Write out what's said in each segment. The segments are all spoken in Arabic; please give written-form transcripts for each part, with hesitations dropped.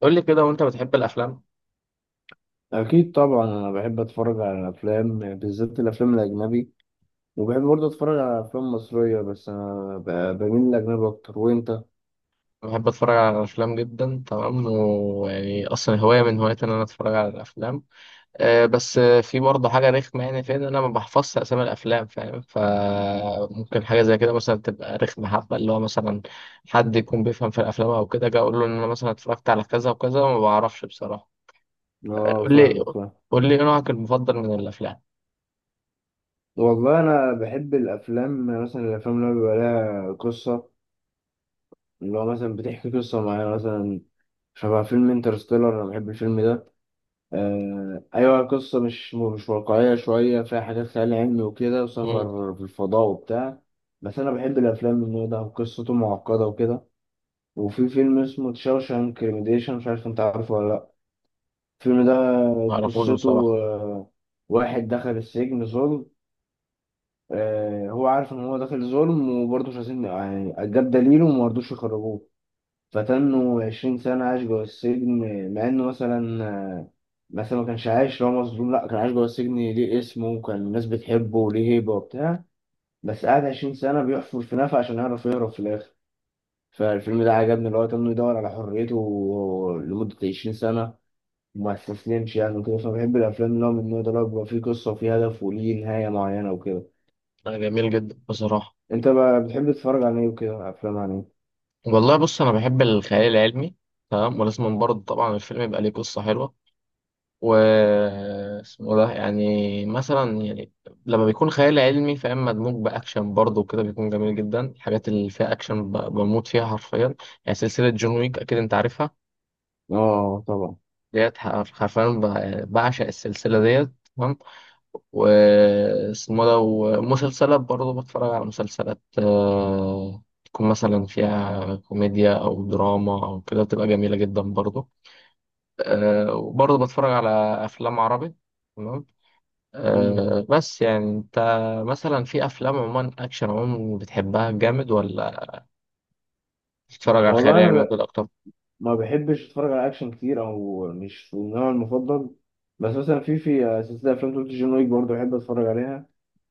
قول لي كده وانت بتحب الافلام؟ أكيد طبعا أنا بحب أتفرج على الأفلام بالذات الأفلام الأجنبي. وبحب برضه أتفرج على أفلام مصرية، بس أنا بميل للأجنبي أكتر، وأنت؟ أنا بحب اتفرج على الافلام جدا، تمام، ويعني اصلا هوايه من هواياتي ان انا اتفرج على الافلام. بس في برضه حاجه رخمه، يعني فين، انا ما بحفظش اسامي الافلام، فاهم؟ فممكن حاجه زي كده مثلا تبقى رخمه، حبه اللي هو مثلا حد يكون بيفهم في الافلام او كده، جا اقول له ان انا مثلا اتفرجت على كذا وكذا وما بعرفش بصراحه. أه، قول لي فاهمك فاهم. قول لي ايه نوعك المفضل من الافلام؟ والله أنا بحب الأفلام، مثلا الأفلام اللي هو بيبقى لها قصة، اللي هو مثلا بتحكي قصة معينة، مثلا شبه فيلم انترستيلر. أنا بحب الفيلم ده. آه أيوة، قصة مش واقعية شوية، فيها حاجات خيال علمي وكده، امم. وسفر في الفضاء وبتاع. بس أنا بحب الأفلام من النوع ده، وقصته معقدة وكده. وفي فيلم اسمه شاوشانك ريميديشن، مش عارف انت عارفه ولا لا، الفيلم ده ما اعرفوش قصته بصراحه. واحد دخل السجن ظلم. هو عارف ان هو داخل ظلم، وبرضه مش عايزين، يعني جاب دليله وما رضوش يخرجوه، فتنه 20 سنة عايش جوه السجن. مع انه مثلا مثلا ما كانش عايش لو مظلوم، لا، كان عايش جوه السجن ليه اسمه، وكان الناس بتحبه وليه هيبة وبتاع، بس قعد 20 سنة بيحفر في نفق عشان يعرف يهرب في الآخر. فالفيلم ده عجبني، اللي هو كان يدور على حريته لمدة 20 سنة، وما استسلمش يعني وكده. فبحب الأفلام اللي هو من النوع ده، اللي هو بيبقى فيه قصة وفيه هدف وليه نهاية معينة وكده. آه، جميل جدا بصراحه. أنت بقى بتحب تتفرج على إيه وكده، أفلام عن إيه؟ والله بص، انا بحب الخيال العلمي، تمام، ولازم برضه طبعا الفيلم يبقى ليه قصه حلوه. و اسمه ده يعني مثلا يعني لما بيكون خيال علمي، فاهم، مدموج باكشن برضه وكده، بيكون جميل جدا الحاجات اللي فيها اكشن، بموت فيها حرفيا. يعني سلسله جون ويك اكيد انت عارفها. آه طبعا. ديت، حرفيا بعشق السلسله ديت. تمام. واسمه ده ومسلسلات برضه، بتفرج على مسلسلات تكون مثلا فيها كوميديا أو دراما أو كده، بتبقى جميلة جدا برضه. آه، وبرضه بتفرج على أفلام عربي، تمام. مم. بس يعني أنت مثلا في أفلام عموما، أكشن عموما، بتحبها جامد ولا بتتفرج على الخيال والله أنا العلمي وكده أكتر؟ ما بحبش أتفرج على أكشن كتير، أو مش النوع المفضل. بس مثلا في سلسلة أفلام توت جون ويك برضه بحب أتفرج عليها.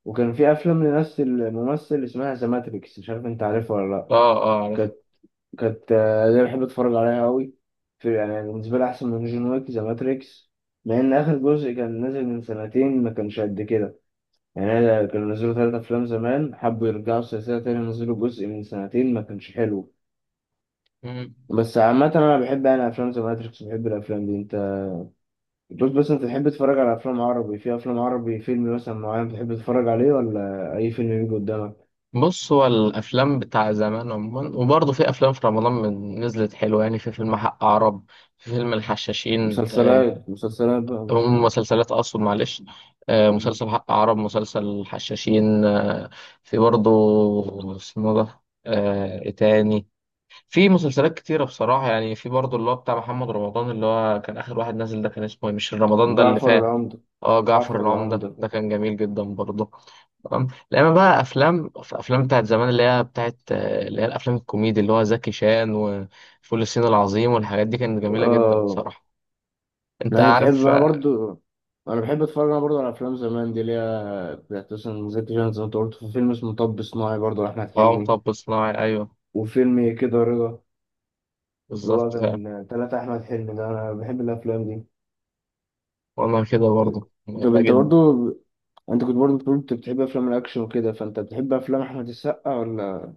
وكان في أفلام لنفس الممثل اسمها ذا ماتريكس، مش عارف أنت عارفها ولا. لأ، آه آه، كانت، دي بحب اتفرج عليها قوي. في، يعني بالنسبه لي احسن من جون ويك ذا ماتريكس، مع ان اخر جزء كان نازل من سنتين ما كانش قد كده. يعني أنا كانوا نزلوا ثلاثة افلام زمان، حبوا يرجعوا السلسله تاني، نزلوا جزء من سنتين ما كانش حلو. عارف. بس عامه انا بحب يعني افلام ذا ماتريكس، بحب الافلام دي. انت، بص، بس انت تحب تتفرج على افلام عربي، في افلام عربي فيلم مثلا معين بتحب تتفرج عليه، ولا اي فيلم بيجي قدامك؟ بص، هو الافلام بتاع زمان عموما، وبرضه في افلام في رمضان من نزلت حلوه، يعني في فيلم حق عرب، في فيلم الحشاشين، مسلسلات بقى، مش. مسلسلات اقصد، معلش. آه، مسلسل حق عرب، مسلسل الحشاشين، آه في برضه اسمه ده آه إيه تاني؟ في مسلسلات كتيرة بصراحة، يعني في برضه اللي هو بتاع محمد رمضان، اللي هو كان آخر واحد نازل، ده كان اسمه إيه؟ مش رمضان ده اللي جعفر فات. العمدة. اه، جعفر جعفر العمدة، العمدة. ده كان جميل جدا برضه. تمام. لما بقى أفلام، في أفلام بتاعت زمان اللي هي بتاعت، اللي هي الأفلام الكوميدي اللي هو زكي شان وفول الصين العظيم والحاجات دي، كانت جميلة جدا اه، بصراحة. أنت لا انا بتحب عارف؟ انا برضو، انا بحب اتفرج انا برضو على افلام زمان دي، اللي هي بتاعت مثلا زكي شان، زي ما انت قلت. في فيلم اسمه مطب صناعي برضو لاحمد اه، حلمي، مطب صناعي، أيوه، وفيلم كده رضا، اللي هو بالظبط فعلا. كان تلاتة احمد حلمي ده. انا بحب الافلام دي. وأنا كده برضه طب بحبها انت جدا. برضو، انت كنت برضو بتقول انت بتحب افلام الاكشن وكده، فانت بتحب افلام احمد السقا ولا؟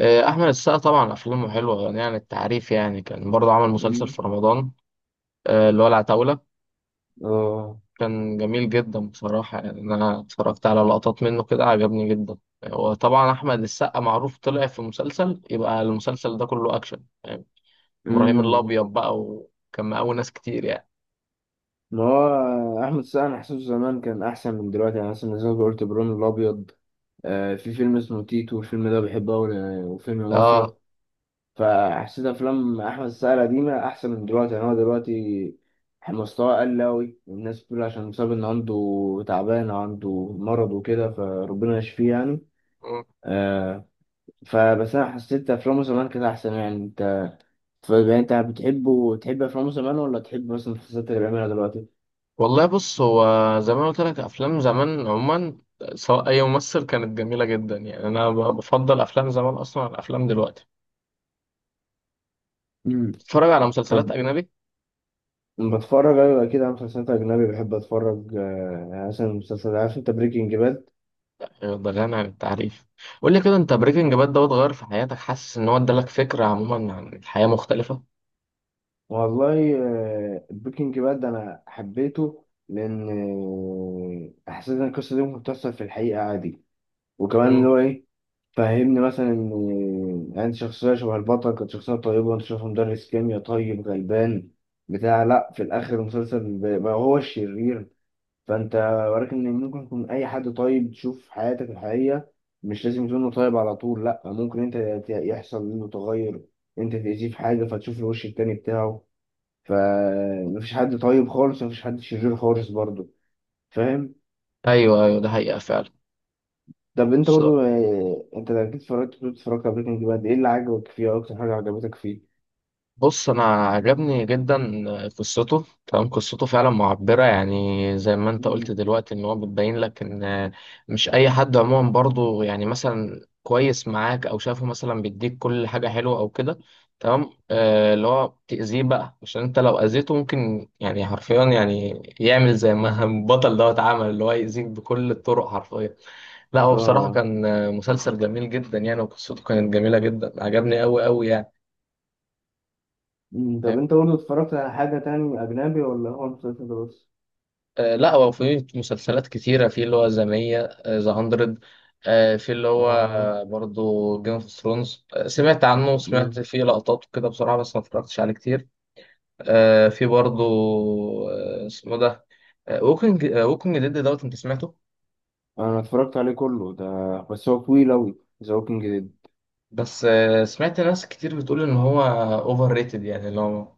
آه، أحمد السقا، طبعا أفلامه حلوة يعني عن التعريف. يعني كان برضه عمل مسلسل مم. في رمضان، آه، اللي هو العتاولة، اه. كان جميل جدا بصراحة. يعني أنا اتفرجت على لقطات منه كده، عجبني جدا. وطبعا أحمد السقا معروف، طلع في مسلسل، يبقى المسلسل ده كله أكشن يعني، إبراهيم امم. الأبيض بقى، وكان مقاول ناس كتير يعني. ما هو احمد السقا انا حاسه زمان كان احسن من دلوقتي، يعني مثلا زي ما قلت ابراهيم الابيض، آه في فيلم اسمه تيتو الفيلم ده بحبه أوي، وفيلم آه. مافيا. فحسيت افلام احمد السقا القديمه احسن من دلوقتي، يعني هو دلوقتي مستواه قل قوي، والناس بتقول عشان بسبب ان عنده تعبان أو عنده مرض وكده، فربنا يشفيه يعني. مم. آه. فبس انا حسيت افلامه زمان كانت احسن يعني، انت فبقى انت بتحبه، تحب افلامه زمان ولا تحب مثلا المسلسلات اللي بيعملها دلوقتي؟ والله بص، هو زي ما أنا قلت لك، أفلام زمان عموما سواء أي ممثل كانت جميلة جدا، يعني أنا بفضل أفلام زمان أصلا عن أفلام دلوقتي. امم. تتفرج على مسلسلات طب أجنبي؟ بتفرج، ايوه اكيد، على مسلسلات اجنبي. بحب اتفرج، يعني مثلا مسلسل عارف انت بريكنج باد. أيوة، ده غني عن التعريف. قول لي كده، انت بريكنج باد دوت غير في حياتك، حاسس ان هو ادالك فكرة عموما عن الحياة مختلفة؟ والله، البيكنج باد ده انا حبيته، لان حسيت ان القصه دي ممكن تحصل في الحقيقه عادي. وكمان امم. اللي هو ايه فهمني، مثلا ان انت شخصيه شبه البطل كانت شخصيه طيبه، انت شايفه مدرس كيمياء طيب غلبان بتاع، لا في الاخر المسلسل بقى هو الشرير. فانت وراك ان ممكن يكون اي حد طيب تشوف في حياتك الحقيقيه، مش لازم يكون إنه طيب على طول، لا ممكن انت، يحصل منه تغير، انت تأذيه في حاجه فتشوف الوش التاني بتاعه. فمفيش حد طيب خالص، مفيش حد شرير خالص برضه، فاهم. ايوه ايوه، ده حقيقة فعلا. طب انت برضه، انت اكيد اتفرجت، كنت اتفرجت على بريكنج باد، ايه اللي عجبك فيه، أو اكتر حاجه عجبتك فيه؟ بص، انا عجبني جدا قصته، تمام، قصته فعلا معبره يعني. زي ما انت قلت مم. دلوقتي، ان هو بتبين لك ان مش اي حد عموما برضو، يعني مثلا كويس معاك او شافه مثلا، بيديك كل حاجه حلوه او كده. تمام. آه، اللي هو تاذيه بقى، عشان انت لو اذيته ممكن يعني حرفيا، يعني يعمل زي ما البطل دوت عمل، اللي هو يأذيك بكل الطرق حرفيا. لا هو بصراحه اه. كان مسلسل جميل جدا يعني، وقصته كانت جميله جدا، عجبني قوي قوي يعني. مم. طب انت برضه اتفرجت على حاجه تاني اجنبي، ولا هو المسلسل ده بس؟ آه، لا هو في مسلسلات كتيرة، في اللي هو ذا 100 في اللي هو اه. برضو جيم اوف ثرونز، سمعت عنه وسمعت مم. فيه لقطات وكده بصراحة، بس ما اتفرجتش عليه كتير. آه، في برضو، آه، اسمه ده، ووكينج ديد دوت، انت سمعته؟ انا اتفرجت عليه كله ده، بس هو طويل اوي، ذا ووكينج ديد. بس آه، سمعت ناس كتير بتقول ان هو اوفر ريتد، يعني اللي هو،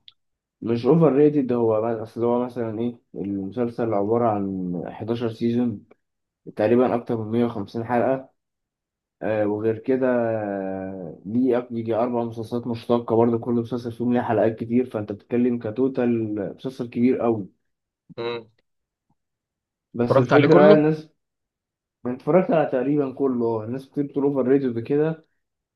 مش اوفر ريتد، هو اصل هو مثلا ايه، المسلسل عباره عن 11 سيزون تقريبا، اكتر من 150 حلقه. وغير كده ليه يجي أربع مسلسلات مشتقة برضه، كل مسلسل فيهم ليه حلقات كتير، فأنت بتتكلم كتوتال مسلسل كبير أوي. مم. بس اتفرجت عليه الفكرة كله. الناس، أنا اتفرجت على تقريبا كله. الناس كتير بتقول أوفر ريتد كده،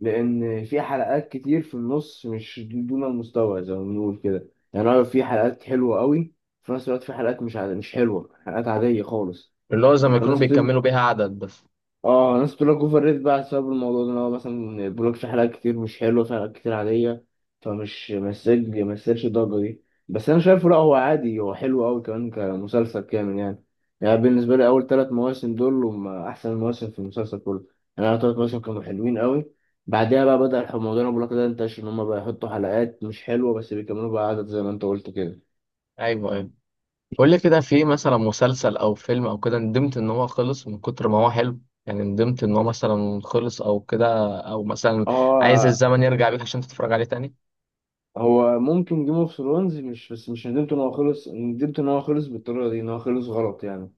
لأن في حلقات كتير في النص مش دون المستوى زي ما بنقول كده، يعني أنا في حلقات حلوة أوي، في نفس الوقت في حلقات مش حلوة، حلقات عادية خالص. اللي هو زي ما يكونوا فالناس بيكملوا كتير، بيها عدد بس. اه ناس بتقول لك اوفر ريت بقى بسبب الموضوع ده، ان هو مثلا ما بيقولكش، حلقات كتير مش حلوه، في حلقات كتير عاديه، فمش مسج ما يستاهلش الضجه دي. بس انا شايفه لا، هو عادي، هو حلو قوي كمان كمسلسل كامل يعني. يعني بالنسبه لي اول ثلاث مواسم دول هم احسن مواسم في المسلسل كله، يعني اول ثلاث مواسم كانوا حلوين قوي. بعدها بقى بدأ الموضوع اللي أنا بقولك ده انتشر، ان هم بقى يحطوا حلقات مش حلوه بس بيكملوا بقى عدد زي ما انت قلت كده. ايوه ايوه. قول لي كده، في مثلا مسلسل او فيلم او كده ندمت ان هو خلص من كتر ما هو حلو، يعني ندمت ان هو مثلا خلص او كده، او مثلا عايز اه. الزمن يرجع بيك عشان تتفرج عليه تاني؟ هو ممكن جيم اوف ثرونز، مش بس مش ندمت ان هو خلص، ندمت ان هو خلص بالطريقه دي، ان هو خلص غلط يعني.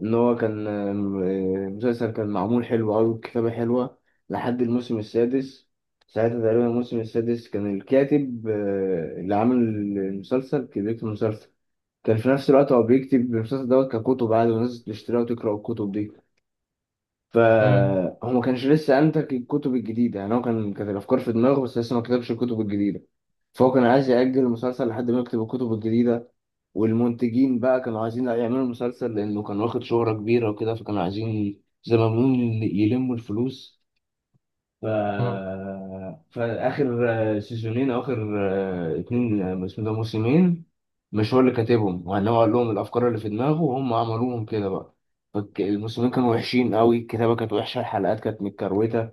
ان هو كان، آم، آه، المسلسل كان معمول حلو قوي والكتابه حلوه لحد الموسم السادس. ساعتها تقريبا الموسم السادس كان الكاتب، اللي عامل المسلسل كان بيكتب المسلسل. كان في نفس الوقت هو بيكتب المسلسل دوت ككتب عادي، والناس بتشتريها وتقرا الكتب دي. امم فهو ما كانش لسه انتج الكتب الجديده، يعني هو كان، كانت الافكار في دماغه بس لسه ما كتبش الكتب الجديده. فهو كان عايز يأجل المسلسل لحد ما يكتب الكتب الجديدة، والمنتجين بقى كانوا عايزين يعملوا المسلسل لأنه كان واخد شهرة كبيرة وكده، فكانوا عايزين زي ما بنقول يلموا الفلوس. ف... امم. فآخر سيزونين، أو آخر اتنين، اسمه ده موسمين، مش هو اللي كاتبهم وإنما هو قال لهم الأفكار اللي في دماغه وهم عملوهم كده بقى. فالموسمين كانوا وحشين قوي، الكتابة كانت وحشة، الحلقات كانت متكروتة،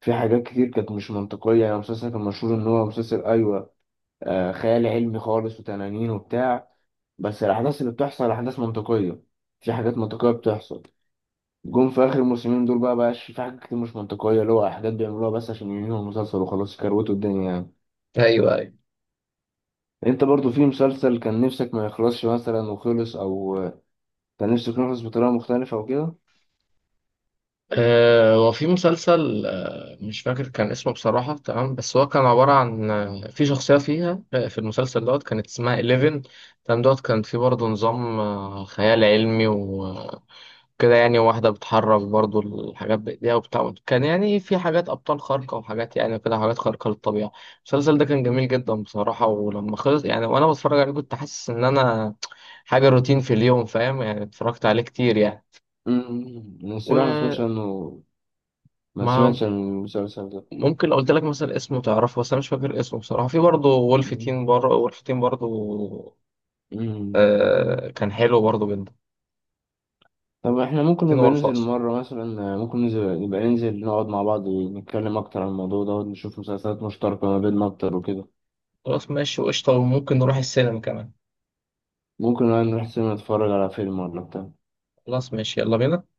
في حاجات كتير كانت مش منطقية. يعني المسلسل كان مشهور إن هو مسلسل أيوة، خيال علمي خالص وتنانين وبتاع، بس الأحداث اللي بتحصل أحداث منطقية، في حاجات منطقية بتحصل. جم في آخر الموسمين دول بقى بقاش في حاجات كتير مش منطقية، اللي هو أحداث بيعملوها بس عشان ينهوا المسلسل وخلاص يكروتوا الدنيا يعني. ايوه ايوه. أنت برضو في مسلسل كان نفسك ما يخلصش مثلا وخلص، أو كان نفسك يخلص بطريقة مختلفة أو كده؟ وفي مسلسل، مش فاكر كان اسمه بصراحة، تمام، بس هو كان عبارة عن، آه، في شخصية فيها، في المسلسل دوت كانت اسمها 11، تمام. دوت كان في برضه نظام، آه، خيال علمي كده، يعني واحدة بتحرك برضو الحاجات بإيديها وبتاع، كان يعني في حاجات أبطال خارقة، وحاجات يعني كده حاجات خارقة للطبيعة. المسلسل ده كان مم. جميل جدا بصراحة، ولما خلص، يعني وأنا بتفرج عليه كنت حاسس إن أنا حاجة روتين في اليوم، فاهم، يعني اتفرجت عليه كتير يعني. أنا الصراحة ما سمعتش وما، عنه، ما سمعتش عن المسلسل ده. ممكن لو قلت لك مثلا اسمه تعرفه، بس أنا مش فاكر اسمه بصراحة. في برضه وولف تين بره وولف تين برضه، أمم، آه، كان حلو برضه جدا. طب احنا ممكن تين نبقى وولف ننزل أصلا. مرة مثلا، ممكن ننزل نبقى ننزل نقعد مع بعض ونتكلم أكتر عن الموضوع ده ونشوف مسلسلات مشتركة ما بيننا أكتر وكده. خلاص ماشي، وقشطة، وممكن نروح السينما كمان. ممكن بقى نروح سينما نتفرج على فيلم ولا بتاع. خلاص ماشي، يلا بينا.